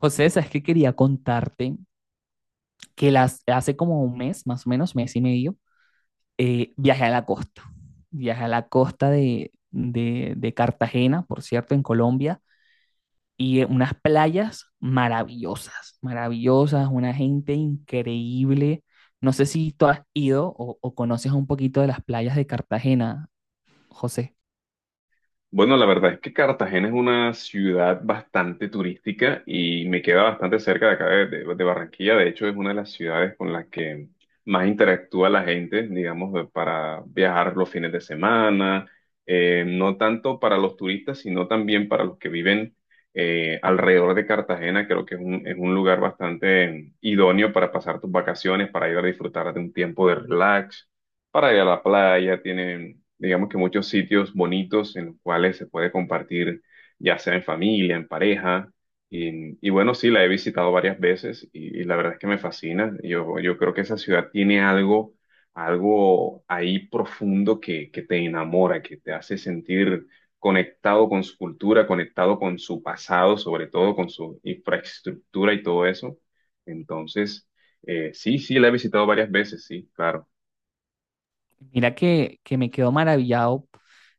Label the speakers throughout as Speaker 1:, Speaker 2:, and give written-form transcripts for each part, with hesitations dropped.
Speaker 1: José, sabes que quería contarte que las, hace como un mes, más o menos, mes y medio, viajé a la costa. Viajé a la costa de, de Cartagena, por cierto, en Colombia, y unas playas maravillosas, maravillosas, una gente increíble. No sé si tú has ido o conoces un poquito de las playas de Cartagena, José.
Speaker 2: Bueno, la verdad es que Cartagena es una ciudad bastante turística y me queda bastante cerca de acá de Barranquilla. De hecho, es una de las ciudades con las que más interactúa la gente, digamos, para viajar los fines de semana, no tanto para los turistas, sino también para los que viven alrededor de Cartagena. Creo que es es un lugar bastante idóneo para pasar tus vacaciones, para ir a disfrutar de un tiempo de relax para ir a la playa, tienen, digamos que muchos sitios bonitos en los cuales se puede compartir, ya sea en familia, en pareja. Y bueno, sí, la he visitado varias veces y la verdad es que me fascina. Yo creo que esa ciudad tiene algo, algo ahí profundo que te enamora, que te hace sentir conectado con su cultura, conectado con su pasado, sobre todo con su infraestructura y todo eso. Entonces, sí, sí, la he visitado varias veces, sí, claro.
Speaker 1: Mira que me quedo maravillado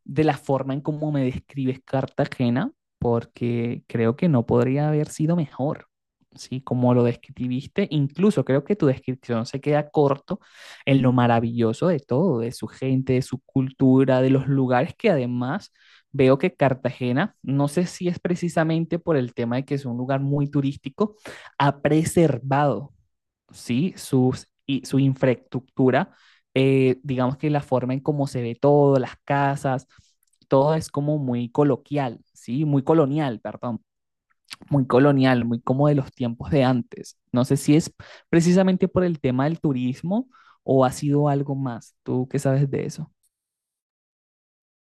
Speaker 1: de la forma en cómo me describes Cartagena, porque creo que no podría haber sido mejor, ¿sí? Como lo describiste, incluso creo que tu descripción se queda corto en lo maravilloso de todo, de su gente, de su cultura, de los lugares que además veo que Cartagena, no sé si es precisamente por el tema de que es un lugar muy turístico, ha preservado, ¿sí? Sus, y su infraestructura, digamos que la forma en cómo se ve todo, las casas, todo es como muy coloquial, ¿sí? Muy colonial, perdón, muy colonial, muy como de los tiempos de antes. No sé si es precisamente por el tema del turismo o ha sido algo más. ¿Tú qué sabes de eso?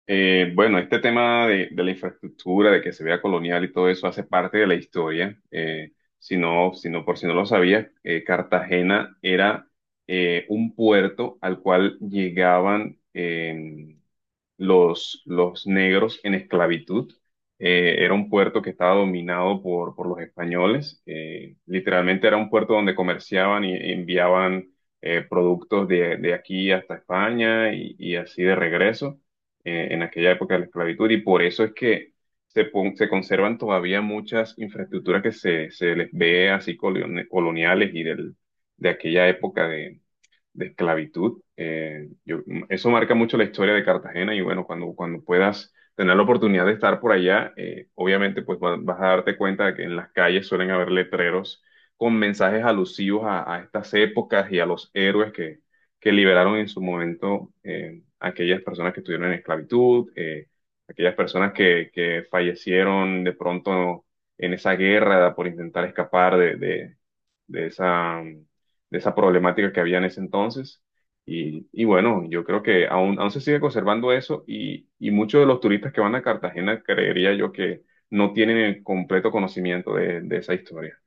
Speaker 2: Bueno, este tema de la infraestructura, de que se vea colonial y todo eso hace parte de la historia. Si no, si no, por si no lo sabías, Cartagena era un puerto al cual llegaban los negros en esclavitud. Era un puerto que estaba dominado por los españoles. Literalmente era un puerto donde comerciaban y enviaban productos de aquí hasta España y así de regreso en aquella época de la esclavitud. Y por eso es que se conservan todavía muchas infraestructuras que se les ve así coloniales y del, de aquella época de esclavitud. Eso marca mucho la historia de Cartagena y bueno, cuando puedas tener la oportunidad de estar por allá, obviamente pues vas a darte cuenta de que en las calles suelen haber letreros con mensajes alusivos a estas épocas y a los héroes que liberaron en su momento a aquellas personas que estuvieron en esclavitud, aquellas personas que fallecieron de pronto en esa guerra por intentar escapar de esa, de esa problemática que había en ese entonces. Y bueno, yo creo que aún, aún se sigue conservando eso y muchos de los turistas que van a Cartagena creería yo que no tienen el completo conocimiento de esa historia.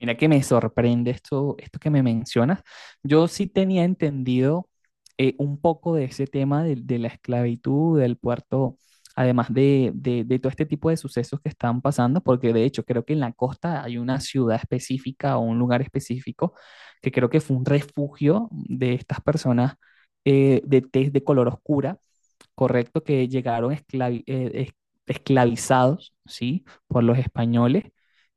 Speaker 1: Mira que me sorprende esto, esto que me mencionas. Yo sí tenía entendido un poco de ese tema de la esclavitud, del puerto, además de, de todo este tipo de sucesos que están pasando, porque de hecho creo que en la costa hay una ciudad específica o un lugar específico que creo que fue un refugio de estas personas, de tez de color oscura, correcto, que llegaron esclavizados, ¿sí? Por los españoles,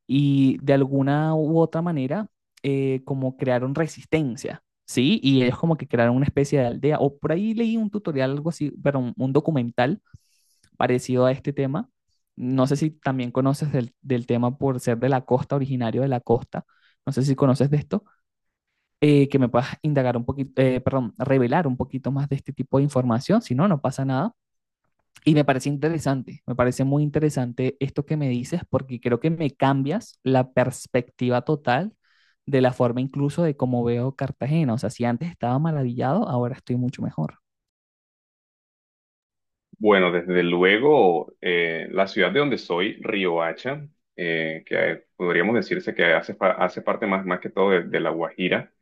Speaker 1: y de alguna u otra manera, como crearon resistencia, ¿sí? Y ellos como que crearon una especie de aldea, o por ahí leí un tutorial, algo así, pero un documental parecido a este tema. No sé si también conoces del, del tema por ser de la costa, originario de la costa. No sé si conoces de esto, que me puedas indagar un poquito, perdón, revelar un poquito más de este tipo de información. Si no, no pasa nada. Y me parece interesante, me parece muy interesante esto que me dices porque creo que me cambias la perspectiva total de la forma incluso de cómo veo Cartagena. O sea, si antes estaba maravillado, ahora estoy mucho mejor.
Speaker 2: Bueno, desde luego, la ciudad de donde soy, Riohacha, que podríamos decirse que hace parte más, más que todo de La Guajira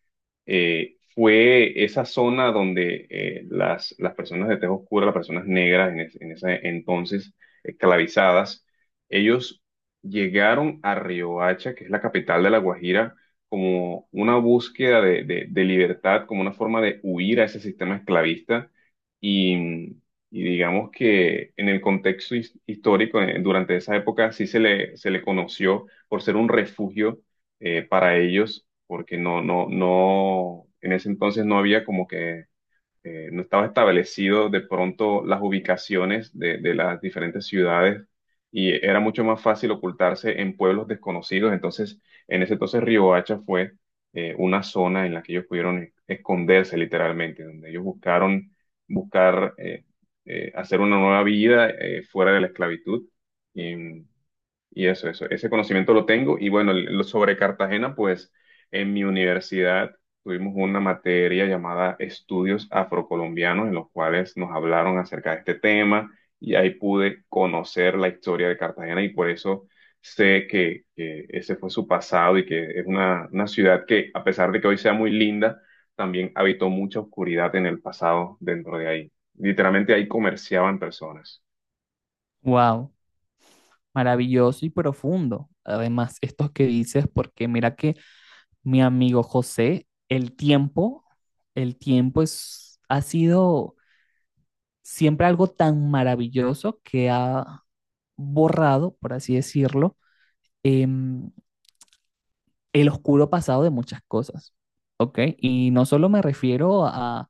Speaker 2: fue esa zona donde las personas de tez oscura, las personas negras en ese entonces esclavizadas, ellos llegaron a Riohacha, que es la capital de La Guajira, como una búsqueda de libertad, como una forma de huir a ese sistema esclavista. Y, y digamos que en el contexto histórico, durante esa época, sí se le conoció por ser un refugio para ellos porque no, en ese entonces no había como que, no estaba establecido de pronto las ubicaciones de las diferentes ciudades y era mucho más fácil ocultarse en pueblos desconocidos. Entonces, en ese entonces Riohacha fue una zona en la que ellos pudieron esconderse literalmente, donde ellos buscar hacer una nueva vida fuera de la esclavitud. Y eso, ese conocimiento lo tengo. Y bueno, lo sobre Cartagena, pues en mi universidad tuvimos una materia llamada Estudios Afrocolombianos, en los cuales nos hablaron acerca de este tema y ahí pude conocer la historia de Cartagena y por eso sé que ese fue su pasado y que es una ciudad que, a pesar de que hoy sea muy linda, también habitó mucha oscuridad en el pasado dentro de ahí. Literalmente ahí comerciaban personas.
Speaker 1: Wow, maravilloso y profundo. Además, estos que dices, porque mira que mi amigo José, el tiempo es, ha sido siempre algo tan maravilloso que ha borrado, por así decirlo, em, el oscuro pasado de muchas cosas, ¿ok? Y no solo me refiero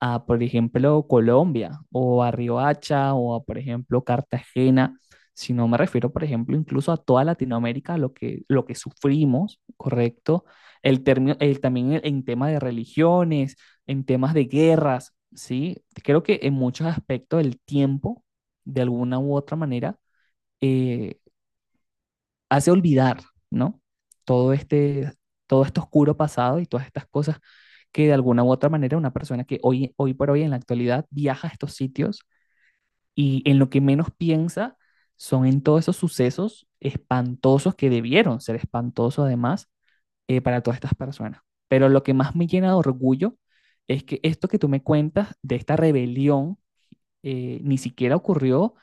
Speaker 1: a, por ejemplo, Colombia o a Riohacha o a, por ejemplo, Cartagena, sino me refiero, por ejemplo, incluso a toda Latinoamérica, lo que sufrimos, ¿correcto? El término, el, también en temas de religiones, en temas de guerras, ¿sí? Creo que en muchos aspectos el tiempo, de alguna u otra manera, eh, hace olvidar, ¿no? Todo este, todo este oscuro pasado y todas estas cosas que de alguna u otra manera una persona que hoy, hoy por hoy en la actualidad viaja a estos sitios y en lo que menos piensa son en todos esos sucesos espantosos que debieron ser espantosos además, para todas estas personas. Pero lo que más me llena de orgullo es que esto que tú me cuentas de esta rebelión ni siquiera ocurrió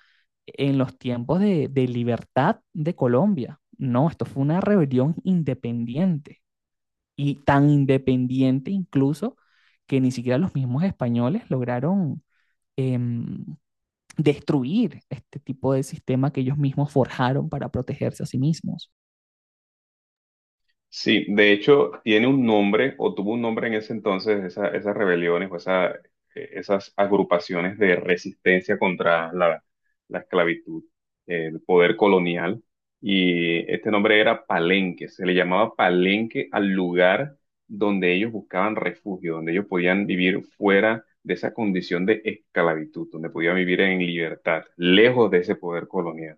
Speaker 1: en los tiempos de libertad de Colombia. No, esto fue una rebelión independiente y tan independiente incluso que ni siquiera los mismos españoles lograron, em, destruir este tipo de sistema que ellos mismos forjaron para protegerse a sí mismos.
Speaker 2: Sí, de hecho, tiene un nombre o tuvo un nombre en ese entonces, esas rebeliones o esas agrupaciones de resistencia contra la esclavitud, el poder colonial. Y este nombre era Palenque, se le llamaba Palenque al lugar donde ellos buscaban refugio, donde ellos podían vivir fuera de esa condición de esclavitud, donde podían vivir en libertad, lejos de ese poder colonial.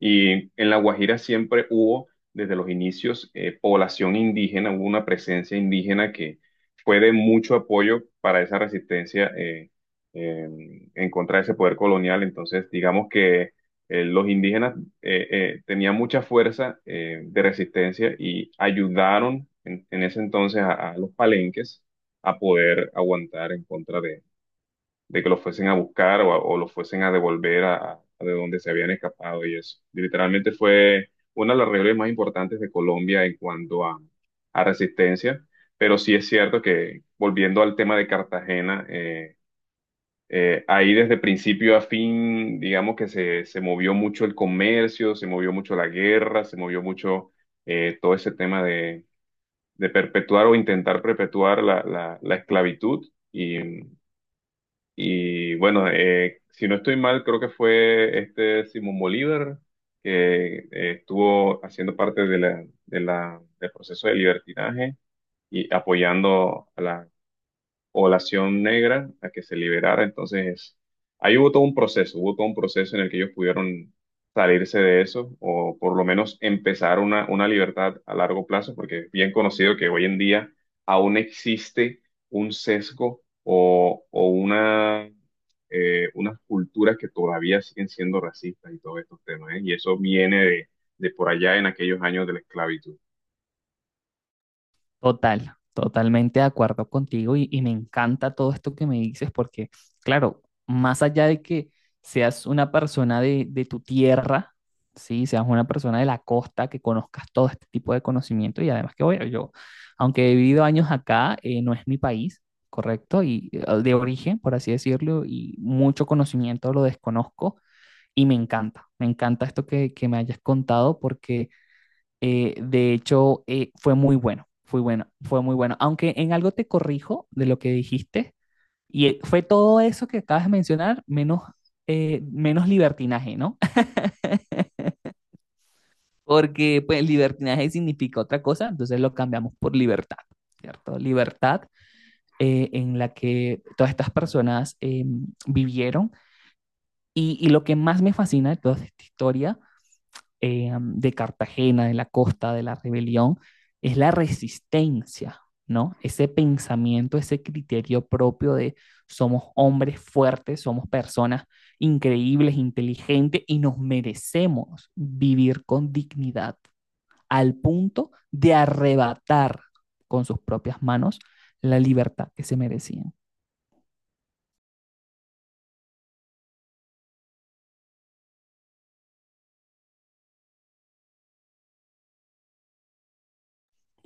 Speaker 2: Y en La Guajira siempre hubo, desde los inicios, población indígena, hubo una presencia indígena que fue de mucho apoyo para esa resistencia eh, en contra de ese poder colonial. Entonces, digamos que los indígenas tenían mucha fuerza de resistencia y ayudaron en ese entonces a los palenques a poder aguantar en contra de que los fuesen a buscar o los fuesen a devolver a de donde se habían escapado y eso. Y literalmente fue una de las reuniones más importantes de Colombia en cuanto a resistencia, pero sí es cierto que volviendo al tema de Cartagena, ahí desde principio a fin, digamos que se movió mucho el comercio, se movió mucho la guerra, se movió mucho todo ese tema de perpetuar o intentar perpetuar la esclavitud. Y, y bueno, si no estoy mal, creo que fue este Simón Bolívar que estuvo haciendo parte de del proceso de libertinaje y apoyando a la población negra a que se liberara. Entonces, ahí hubo todo un proceso, hubo todo un proceso en el que ellos pudieron salirse de eso o por lo menos empezar una libertad a largo plazo, porque es bien conocido que hoy en día aún existe un sesgo o unas culturas que todavía siguen siendo racistas y todos estos temas, ¿eh? Y eso viene de por allá en aquellos años de la esclavitud.
Speaker 1: Total, totalmente de acuerdo contigo y me encanta todo esto que me dices porque, claro, más allá de que seas una persona de tu tierra, sí, seas una persona de la costa, que conozcas todo este tipo de conocimiento y además que, bueno, yo, aunque he vivido años acá, no es mi país, correcto, y de origen, por así decirlo, y mucho conocimiento lo desconozco y me encanta esto que me hayas contado porque de hecho, fue muy bueno, fue muy bueno. Aunque en algo te corrijo de lo que dijiste, y fue todo eso que acabas de mencionar, menos, menos libertinaje, ¿no? Porque pues libertinaje significa otra cosa, entonces lo cambiamos por libertad, ¿cierto? Libertad en la que todas estas personas vivieron. Y lo que más me fascina de toda esta historia, de Cartagena, de la costa, de la rebelión, es la resistencia, ¿no? Ese pensamiento, ese criterio propio de somos hombres fuertes, somos personas increíbles, inteligentes y nos merecemos vivir con dignidad al punto de arrebatar con sus propias manos la libertad que se merecían.